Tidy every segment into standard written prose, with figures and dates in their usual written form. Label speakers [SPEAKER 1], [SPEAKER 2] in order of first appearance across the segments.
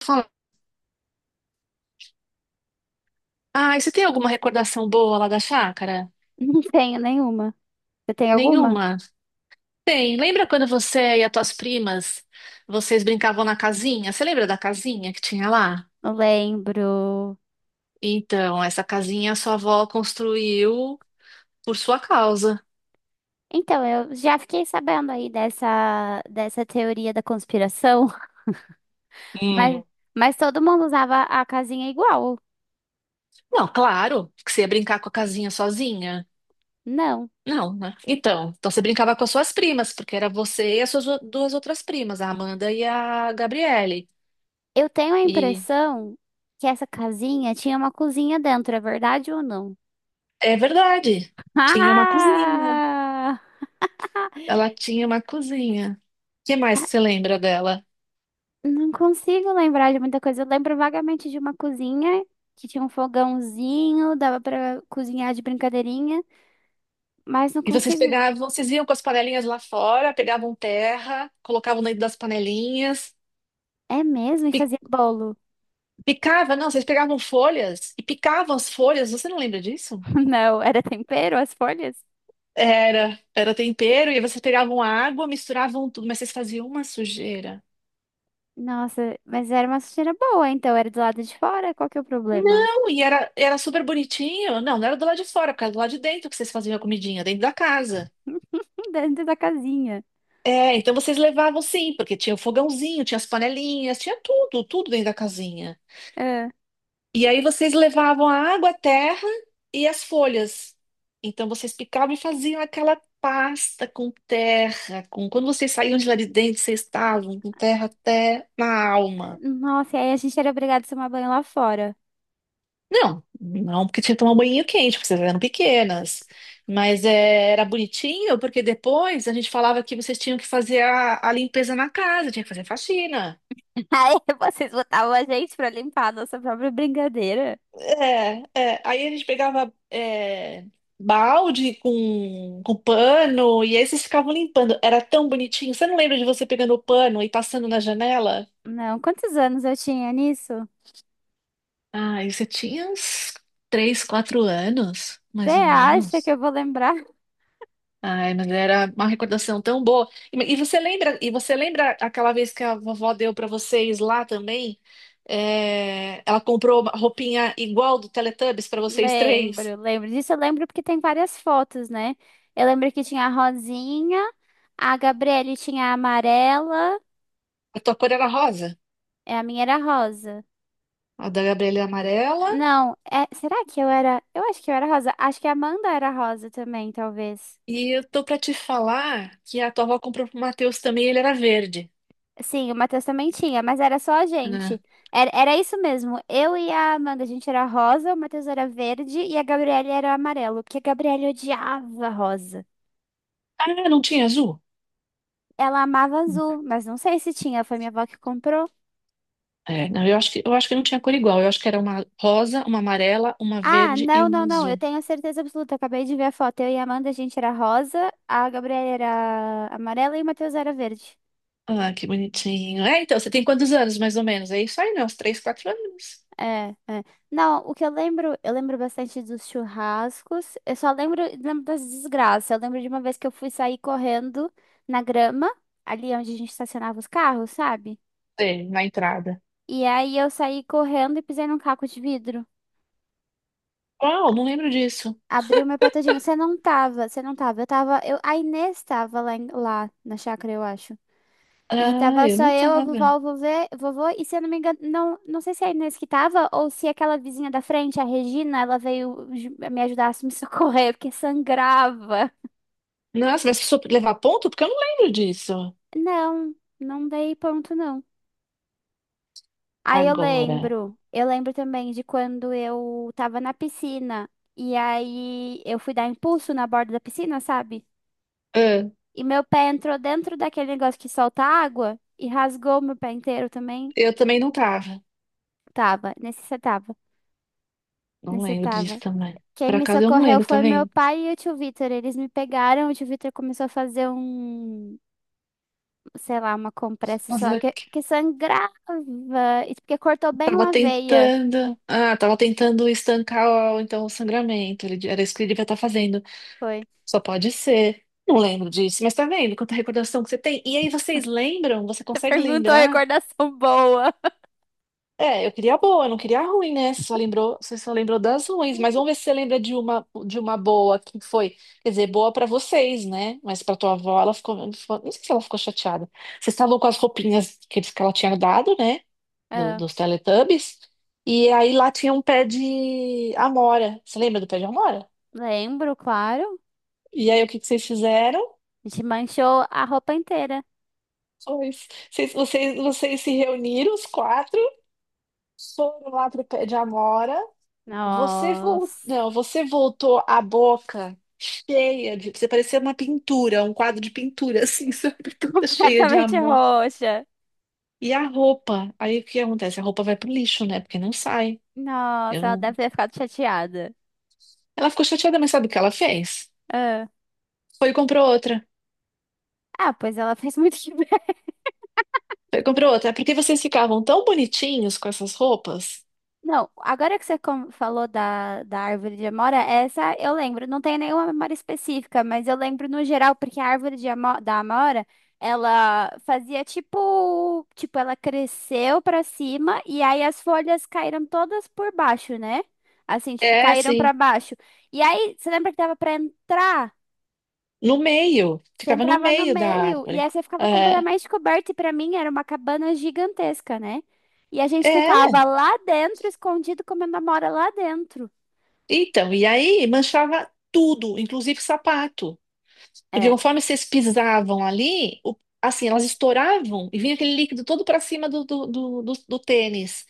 [SPEAKER 1] Fala. Ah, e você tem alguma recordação boa lá da chácara?
[SPEAKER 2] Não tenho nenhuma. Você tem alguma?
[SPEAKER 1] Nenhuma? Tem. Lembra quando você e as tuas primas, vocês brincavam na casinha? Você lembra da casinha que tinha lá?
[SPEAKER 2] Não lembro.
[SPEAKER 1] Então, essa casinha a sua avó construiu por sua causa.
[SPEAKER 2] Então, eu já fiquei sabendo aí dessa teoria da conspiração, mas,
[SPEAKER 1] Hum.
[SPEAKER 2] mas todo mundo usava a casinha igual.
[SPEAKER 1] Não, claro, que você ia brincar com a casinha sozinha.
[SPEAKER 2] Não.
[SPEAKER 1] Não, né? Então, você brincava com as suas primas, porque era você e as suas duas outras primas, a Amanda e a Gabriele.
[SPEAKER 2] Eu tenho a
[SPEAKER 1] E
[SPEAKER 2] impressão que essa casinha tinha uma cozinha dentro, é verdade ou não?
[SPEAKER 1] é verdade, tinha uma cozinha.
[SPEAKER 2] Ah!
[SPEAKER 1] Ela tinha uma cozinha. O que mais que você lembra dela?
[SPEAKER 2] Não consigo lembrar de muita coisa. Eu lembro vagamente de uma cozinha que tinha um fogãozinho, dava pra cozinhar de brincadeirinha. Mas não
[SPEAKER 1] E vocês
[SPEAKER 2] consigo.
[SPEAKER 1] pegavam, vocês iam com as panelinhas lá fora, pegavam terra, colocavam dentro das panelinhas,
[SPEAKER 2] É mesmo? E
[SPEAKER 1] pi-
[SPEAKER 2] fazia bolo?
[SPEAKER 1] picava, não, vocês pegavam folhas e picavam as folhas, você não lembra disso?
[SPEAKER 2] Não, era tempero, as folhas?
[SPEAKER 1] Era, era tempero, e vocês pegavam água, misturavam tudo, mas vocês faziam uma sujeira.
[SPEAKER 2] Nossa, mas era uma sujeira boa, então era do lado de fora? Qual que é o problema?
[SPEAKER 1] Não, e era, era super bonitinho. Não, não era do lado de fora, porque era do lado de dentro que vocês faziam a comidinha, dentro da casa.
[SPEAKER 2] Dentro da casinha.
[SPEAKER 1] É, então vocês levavam sim, porque tinha o fogãozinho, tinha as panelinhas, tinha tudo, tudo dentro da casinha.
[SPEAKER 2] Ah,
[SPEAKER 1] E aí vocês levavam a água, a terra e as folhas. Então vocês picavam e faziam aquela pasta com terra, com quando vocês saíam de lá de dentro, vocês estavam com terra até na alma.
[SPEAKER 2] nossa, e aí a gente era obrigado a tomar banho lá fora.
[SPEAKER 1] Não, não porque tinha que tomar um banho quente, porque vocês eram pequenas. Mas é, era bonitinho, porque depois a gente falava que vocês tinham que fazer a limpeza na casa, tinha que fazer faxina.
[SPEAKER 2] Aí vocês botavam a gente pra limpar a nossa própria brincadeira?
[SPEAKER 1] É, é. Aí a gente pegava é, balde com pano e aí vocês ficavam limpando. Era tão bonitinho. Você não lembra de você pegando o pano e passando na janela?
[SPEAKER 2] Não, quantos anos eu tinha nisso?
[SPEAKER 1] Ai, você tinha uns 3, 4 anos,
[SPEAKER 2] Você
[SPEAKER 1] mais ou
[SPEAKER 2] acha que
[SPEAKER 1] menos.
[SPEAKER 2] eu vou lembrar?
[SPEAKER 1] Ai, mas era uma recordação tão boa. E você lembra, e você lembra aquela vez que a vovó deu para vocês lá também? É, ela comprou uma roupinha igual do Teletubbies para vocês três.
[SPEAKER 2] Lembro, lembro disso. Eu lembro porque tem várias fotos, né? Eu lembro que tinha a Rosinha, a Gabriele tinha a amarela.
[SPEAKER 1] A tua cor era rosa.
[SPEAKER 2] É, a minha era rosa.
[SPEAKER 1] A da Gabriela é amarela.
[SPEAKER 2] Não, é, será que eu era? Eu acho que eu era rosa. Acho que a Amanda era rosa também, talvez.
[SPEAKER 1] E eu tô pra te falar que a tua avó comprou pro Matheus também, ele era verde.
[SPEAKER 2] Sim, o Matheus também tinha, mas era só a
[SPEAKER 1] Né?
[SPEAKER 2] gente. Era, era isso mesmo. Eu e a Amanda, a gente era rosa, o Matheus era verde e a Gabriela era amarelo, porque a Gabriela odiava rosa.
[SPEAKER 1] Ah, não tinha azul?
[SPEAKER 2] Ela amava azul, mas não sei se tinha, foi minha avó que comprou.
[SPEAKER 1] É, não, eu acho que não tinha cor igual. Eu acho que era uma rosa, uma amarela, uma
[SPEAKER 2] Ah,
[SPEAKER 1] verde e
[SPEAKER 2] não,
[SPEAKER 1] uma
[SPEAKER 2] não, não, eu
[SPEAKER 1] azul.
[SPEAKER 2] tenho certeza absoluta, acabei de ver a foto. Eu e a Amanda, a gente era rosa, a Gabriela era amarela e o Matheus era verde.
[SPEAKER 1] Ah, que bonitinho. É, então, você tem quantos anos, mais ou menos? É isso aí, né? Uns 3, 4 anos.
[SPEAKER 2] É, é. Não, o que eu lembro bastante dos churrascos. Eu só lembro, lembro das desgraças. Eu lembro de uma vez que eu fui sair correndo na grama, ali onde a gente estacionava os carros, sabe?
[SPEAKER 1] É, na entrada.
[SPEAKER 2] E aí eu saí correndo e pisei num caco de vidro.
[SPEAKER 1] Uau, não lembro disso.
[SPEAKER 2] Abriu meu pé todinho. Você não tava. Eu, a Inês tava lá, lá na chácara, eu acho. E
[SPEAKER 1] Ah,
[SPEAKER 2] tava
[SPEAKER 1] eu
[SPEAKER 2] só
[SPEAKER 1] não
[SPEAKER 2] eu, a
[SPEAKER 1] tava.
[SPEAKER 2] vovó, o vovô, e se eu não me engano, não, não sei se é a Inês que tava, ou se aquela vizinha da frente, a Regina, ela veio me ajudar a me socorrer, porque sangrava.
[SPEAKER 1] Nossa, mas precisou levar ponto? Porque eu não lembro disso.
[SPEAKER 2] Não, não dei ponto, não. Aí
[SPEAKER 1] Agora.
[SPEAKER 2] eu lembro também de quando eu tava na piscina, e aí eu fui dar impulso na borda da piscina, sabe?
[SPEAKER 1] Ah,
[SPEAKER 2] E meu pé entrou dentro daquele negócio que solta água, e rasgou meu pé inteiro também.
[SPEAKER 1] eu também não tava.
[SPEAKER 2] Tava, nesse você tava.
[SPEAKER 1] Não
[SPEAKER 2] Nesse você
[SPEAKER 1] lembro disso
[SPEAKER 2] tava.
[SPEAKER 1] também.
[SPEAKER 2] Quem
[SPEAKER 1] Por
[SPEAKER 2] me
[SPEAKER 1] acaso eu não
[SPEAKER 2] socorreu
[SPEAKER 1] lembro, tá
[SPEAKER 2] foi meu
[SPEAKER 1] vendo?
[SPEAKER 2] pai e o tio Vitor. Eles me pegaram, o tio Vitor começou a fazer um, sei lá, uma compressa,
[SPEAKER 1] Mas
[SPEAKER 2] sei lá,
[SPEAKER 1] eu
[SPEAKER 2] que sangrava, e porque cortou bem
[SPEAKER 1] tava
[SPEAKER 2] uma veia.
[SPEAKER 1] tentando. Ah, tava tentando estancar então o sangramento. Era isso que ele devia estar fazendo.
[SPEAKER 2] Foi.
[SPEAKER 1] Só pode ser. Não lembro disso, mas tá vendo quanta recordação que você tem? E aí vocês lembram? Você
[SPEAKER 2] Você
[SPEAKER 1] consegue
[SPEAKER 2] perguntou
[SPEAKER 1] lembrar?
[SPEAKER 2] recordação boa.
[SPEAKER 1] É, eu queria a boa, eu não queria a ruim, né? Você só lembrou das ruins, mas vamos ver se você lembra de uma boa que foi, quer dizer, boa pra vocês, né? Mas pra tua avó ela ficou, não sei se ela ficou chateada. Vocês estavam com as roupinhas que que ela tinha dado, né?
[SPEAKER 2] Ah,
[SPEAKER 1] Dos Teletubbies. E aí lá tinha um pé de amora. Você lembra do pé de amora?
[SPEAKER 2] lembro, claro.
[SPEAKER 1] E aí o que que vocês fizeram?
[SPEAKER 2] A gente manchou a roupa inteira.
[SPEAKER 1] Foi- vocês se reuniram, os quatro, foram lá pro pé de amora.
[SPEAKER 2] Nossa,
[SPEAKER 1] Não, você voltou a boca cheia de. Você parecia uma pintura, um quadro de pintura, assim, sabe? Toda cheia de
[SPEAKER 2] completamente
[SPEAKER 1] amor.
[SPEAKER 2] roxa.
[SPEAKER 1] E a roupa? Aí o que acontece? A roupa vai pro lixo, né? Porque não sai. Eu...
[SPEAKER 2] Nossa, ela
[SPEAKER 1] não-
[SPEAKER 2] deve ter ficado chateada.
[SPEAKER 1] Ela ficou chateada, mas sabe o que ela fez?
[SPEAKER 2] Ah,
[SPEAKER 1] Foi e comprou outra.
[SPEAKER 2] ah, pois ela fez muito que bem.
[SPEAKER 1] Comprou outra. É porque vocês ficavam tão bonitinhos com essas roupas?
[SPEAKER 2] Não, agora que você falou da árvore de amora, essa eu lembro. Não tem nenhuma memória específica, mas eu lembro no geral, porque a árvore de da amora, ela fazia tipo, ela cresceu pra cima e aí as folhas caíram todas por baixo, né? Assim, tipo,
[SPEAKER 1] É,
[SPEAKER 2] caíram pra
[SPEAKER 1] sim.
[SPEAKER 2] baixo. E aí, você lembra que dava pra entrar?
[SPEAKER 1] No meio.
[SPEAKER 2] Você
[SPEAKER 1] Ficava no
[SPEAKER 2] entrava no
[SPEAKER 1] meio da
[SPEAKER 2] meio e aí
[SPEAKER 1] árvore.
[SPEAKER 2] você ficava
[SPEAKER 1] É.
[SPEAKER 2] completamente coberto. E pra mim era uma cabana gigantesca, né? E a gente
[SPEAKER 1] É.
[SPEAKER 2] ficava lá dentro, escondido, comendo amora lá dentro.
[SPEAKER 1] Então, e aí manchava tudo, inclusive sapato. Porque
[SPEAKER 2] É.
[SPEAKER 1] conforme vocês pisavam ali, assim, elas estouravam e vinha aquele líquido todo para cima do tênis.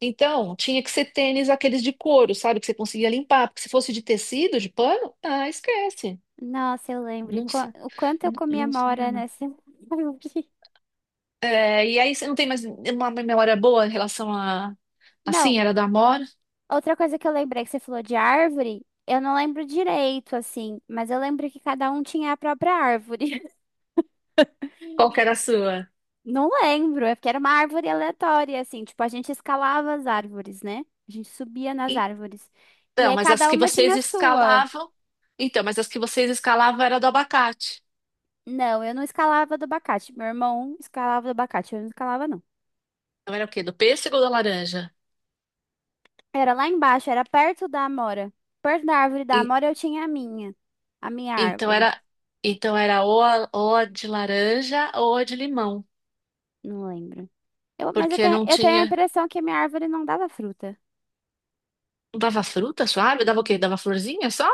[SPEAKER 1] Então, tinha que ser tênis aqueles de couro, sabe? Que você conseguia limpar. Porque se fosse de tecido, de pano, ah, esquece.
[SPEAKER 2] Nossa, eu lembro. E
[SPEAKER 1] Não sai,
[SPEAKER 2] o quanto eu
[SPEAKER 1] não,
[SPEAKER 2] comia
[SPEAKER 1] não sai
[SPEAKER 2] amora nessa árvore.
[SPEAKER 1] É, e aí você não tem mais uma memória boa em relação a
[SPEAKER 2] Não,
[SPEAKER 1] assim, era da Amora?
[SPEAKER 2] outra coisa que eu lembrei que você falou de árvore, eu não lembro direito, assim, mas eu lembro que cada um tinha a própria árvore.
[SPEAKER 1] Qual que era a sua?
[SPEAKER 2] Não lembro, é porque era uma árvore aleatória, assim, tipo, a gente escalava as árvores, né? A gente subia nas árvores. E
[SPEAKER 1] Então,
[SPEAKER 2] aí
[SPEAKER 1] mas as
[SPEAKER 2] cada
[SPEAKER 1] que
[SPEAKER 2] uma tinha
[SPEAKER 1] vocês
[SPEAKER 2] a sua.
[SPEAKER 1] escalavam, então, mas as que vocês escalavam era do abacate.
[SPEAKER 2] Não, eu não escalava do abacate. Meu irmão escalava do abacate, eu não escalava, não.
[SPEAKER 1] Então era o quê? Do pêssego ou da laranja?
[SPEAKER 2] Era lá embaixo, era perto da amora. Perto da árvore da
[SPEAKER 1] E-
[SPEAKER 2] amora eu tinha a minha. A minha
[SPEAKER 1] então
[SPEAKER 2] árvore.
[SPEAKER 1] era, então era ou a de laranja ou a de limão,
[SPEAKER 2] Não lembro. Eu, mas eu
[SPEAKER 1] porque
[SPEAKER 2] tenho,
[SPEAKER 1] não
[SPEAKER 2] eu tenho a
[SPEAKER 1] tinha,
[SPEAKER 2] impressão que a minha árvore não dava fruta.
[SPEAKER 1] não dava fruta suave, dava o quê? Dava florzinha só?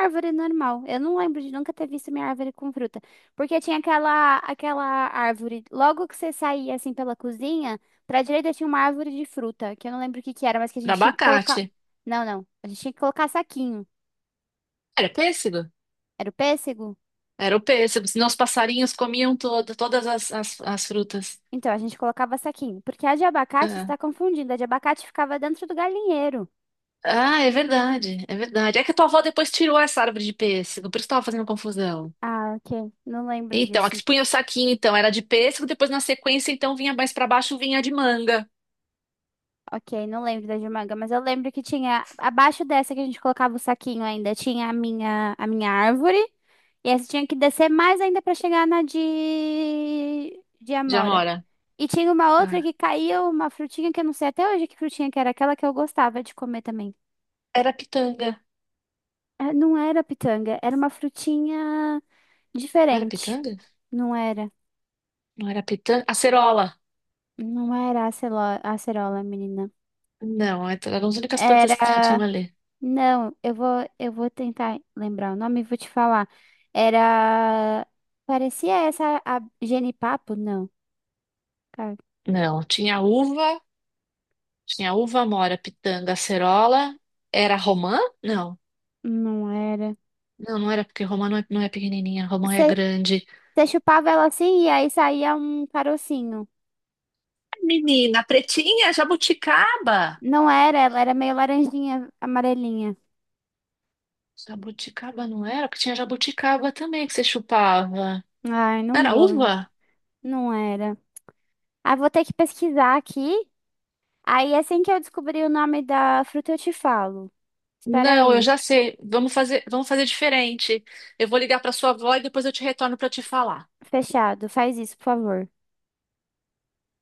[SPEAKER 2] Árvore normal. Eu não lembro de nunca ter visto minha árvore com fruta. Porque tinha aquela árvore. Logo que você saía assim pela cozinha, pra direita tinha uma árvore de fruta, que eu não lembro o que que era, mas que a
[SPEAKER 1] Era
[SPEAKER 2] gente tinha que colocar.
[SPEAKER 1] abacate.
[SPEAKER 2] Não, não. A gente tinha que colocar saquinho.
[SPEAKER 1] Era pêssego?
[SPEAKER 2] Era o pêssego?
[SPEAKER 1] Era o pêssego, senão os passarinhos comiam toda, todas as, as frutas.
[SPEAKER 2] Então, a gente colocava saquinho. Porque a de abacate
[SPEAKER 1] Ah.
[SPEAKER 2] está confundindo. A de abacate ficava dentro do galinheiro.
[SPEAKER 1] Ah, é verdade, é verdade. É que a tua avó depois tirou essa árvore de pêssego, por isso tava fazendo confusão.
[SPEAKER 2] Ah, ok. Não lembro
[SPEAKER 1] Então, a
[SPEAKER 2] disso.
[SPEAKER 1] que punha o saquinho, então, era de pêssego, depois na sequência, então, vinha mais pra baixo, vinha de manga,
[SPEAKER 2] Ok, não lembro da de manga, mas eu lembro que tinha, abaixo dessa que a gente colocava o saquinho ainda, tinha a minha árvore. E essa tinha que descer mais ainda pra chegar na de
[SPEAKER 1] de
[SPEAKER 2] amora.
[SPEAKER 1] amora.
[SPEAKER 2] E tinha uma outra
[SPEAKER 1] Ah,
[SPEAKER 2] que caía uma frutinha que eu não sei até hoje que frutinha que era aquela que eu gostava de comer também.
[SPEAKER 1] era pitanga.
[SPEAKER 2] É, não era pitanga, era uma frutinha
[SPEAKER 1] Não era
[SPEAKER 2] diferente.
[SPEAKER 1] pitanga?
[SPEAKER 2] Não era.
[SPEAKER 1] Não era pitanga? Acerola.
[SPEAKER 2] Não era acerola, menina.
[SPEAKER 1] Não, é- eram as únicas plantas que tinha
[SPEAKER 2] Era.
[SPEAKER 1] ali.
[SPEAKER 2] Não, eu vou tentar lembrar o nome e vou te falar. Era. Parecia essa a genipapo? Não, cara,
[SPEAKER 1] Não, tinha uva, amora, pitanga, acerola. Era romã? Não.
[SPEAKER 2] não era.
[SPEAKER 1] Não, não era, porque romã não é, não é pequenininha, romã é
[SPEAKER 2] Você
[SPEAKER 1] grande.
[SPEAKER 2] chupava ela assim e aí saía um carocinho.
[SPEAKER 1] Menina, pretinha, jabuticaba.
[SPEAKER 2] Não era, ela era meio laranjinha, amarelinha.
[SPEAKER 1] Jabuticaba não era? Porque tinha jabuticaba também que você chupava.
[SPEAKER 2] Ai,
[SPEAKER 1] Não
[SPEAKER 2] não
[SPEAKER 1] era
[SPEAKER 2] vou.
[SPEAKER 1] uva?
[SPEAKER 2] Não era. Ah, vou ter que pesquisar aqui. Aí assim que eu descobrir o nome da fruta, eu te falo. Espera
[SPEAKER 1] Não, eu
[SPEAKER 2] aí.
[SPEAKER 1] já sei. Vamos fazer diferente. Eu vou ligar para sua avó e depois eu te retorno para te falar.
[SPEAKER 2] Fechado. Faz isso, por favor.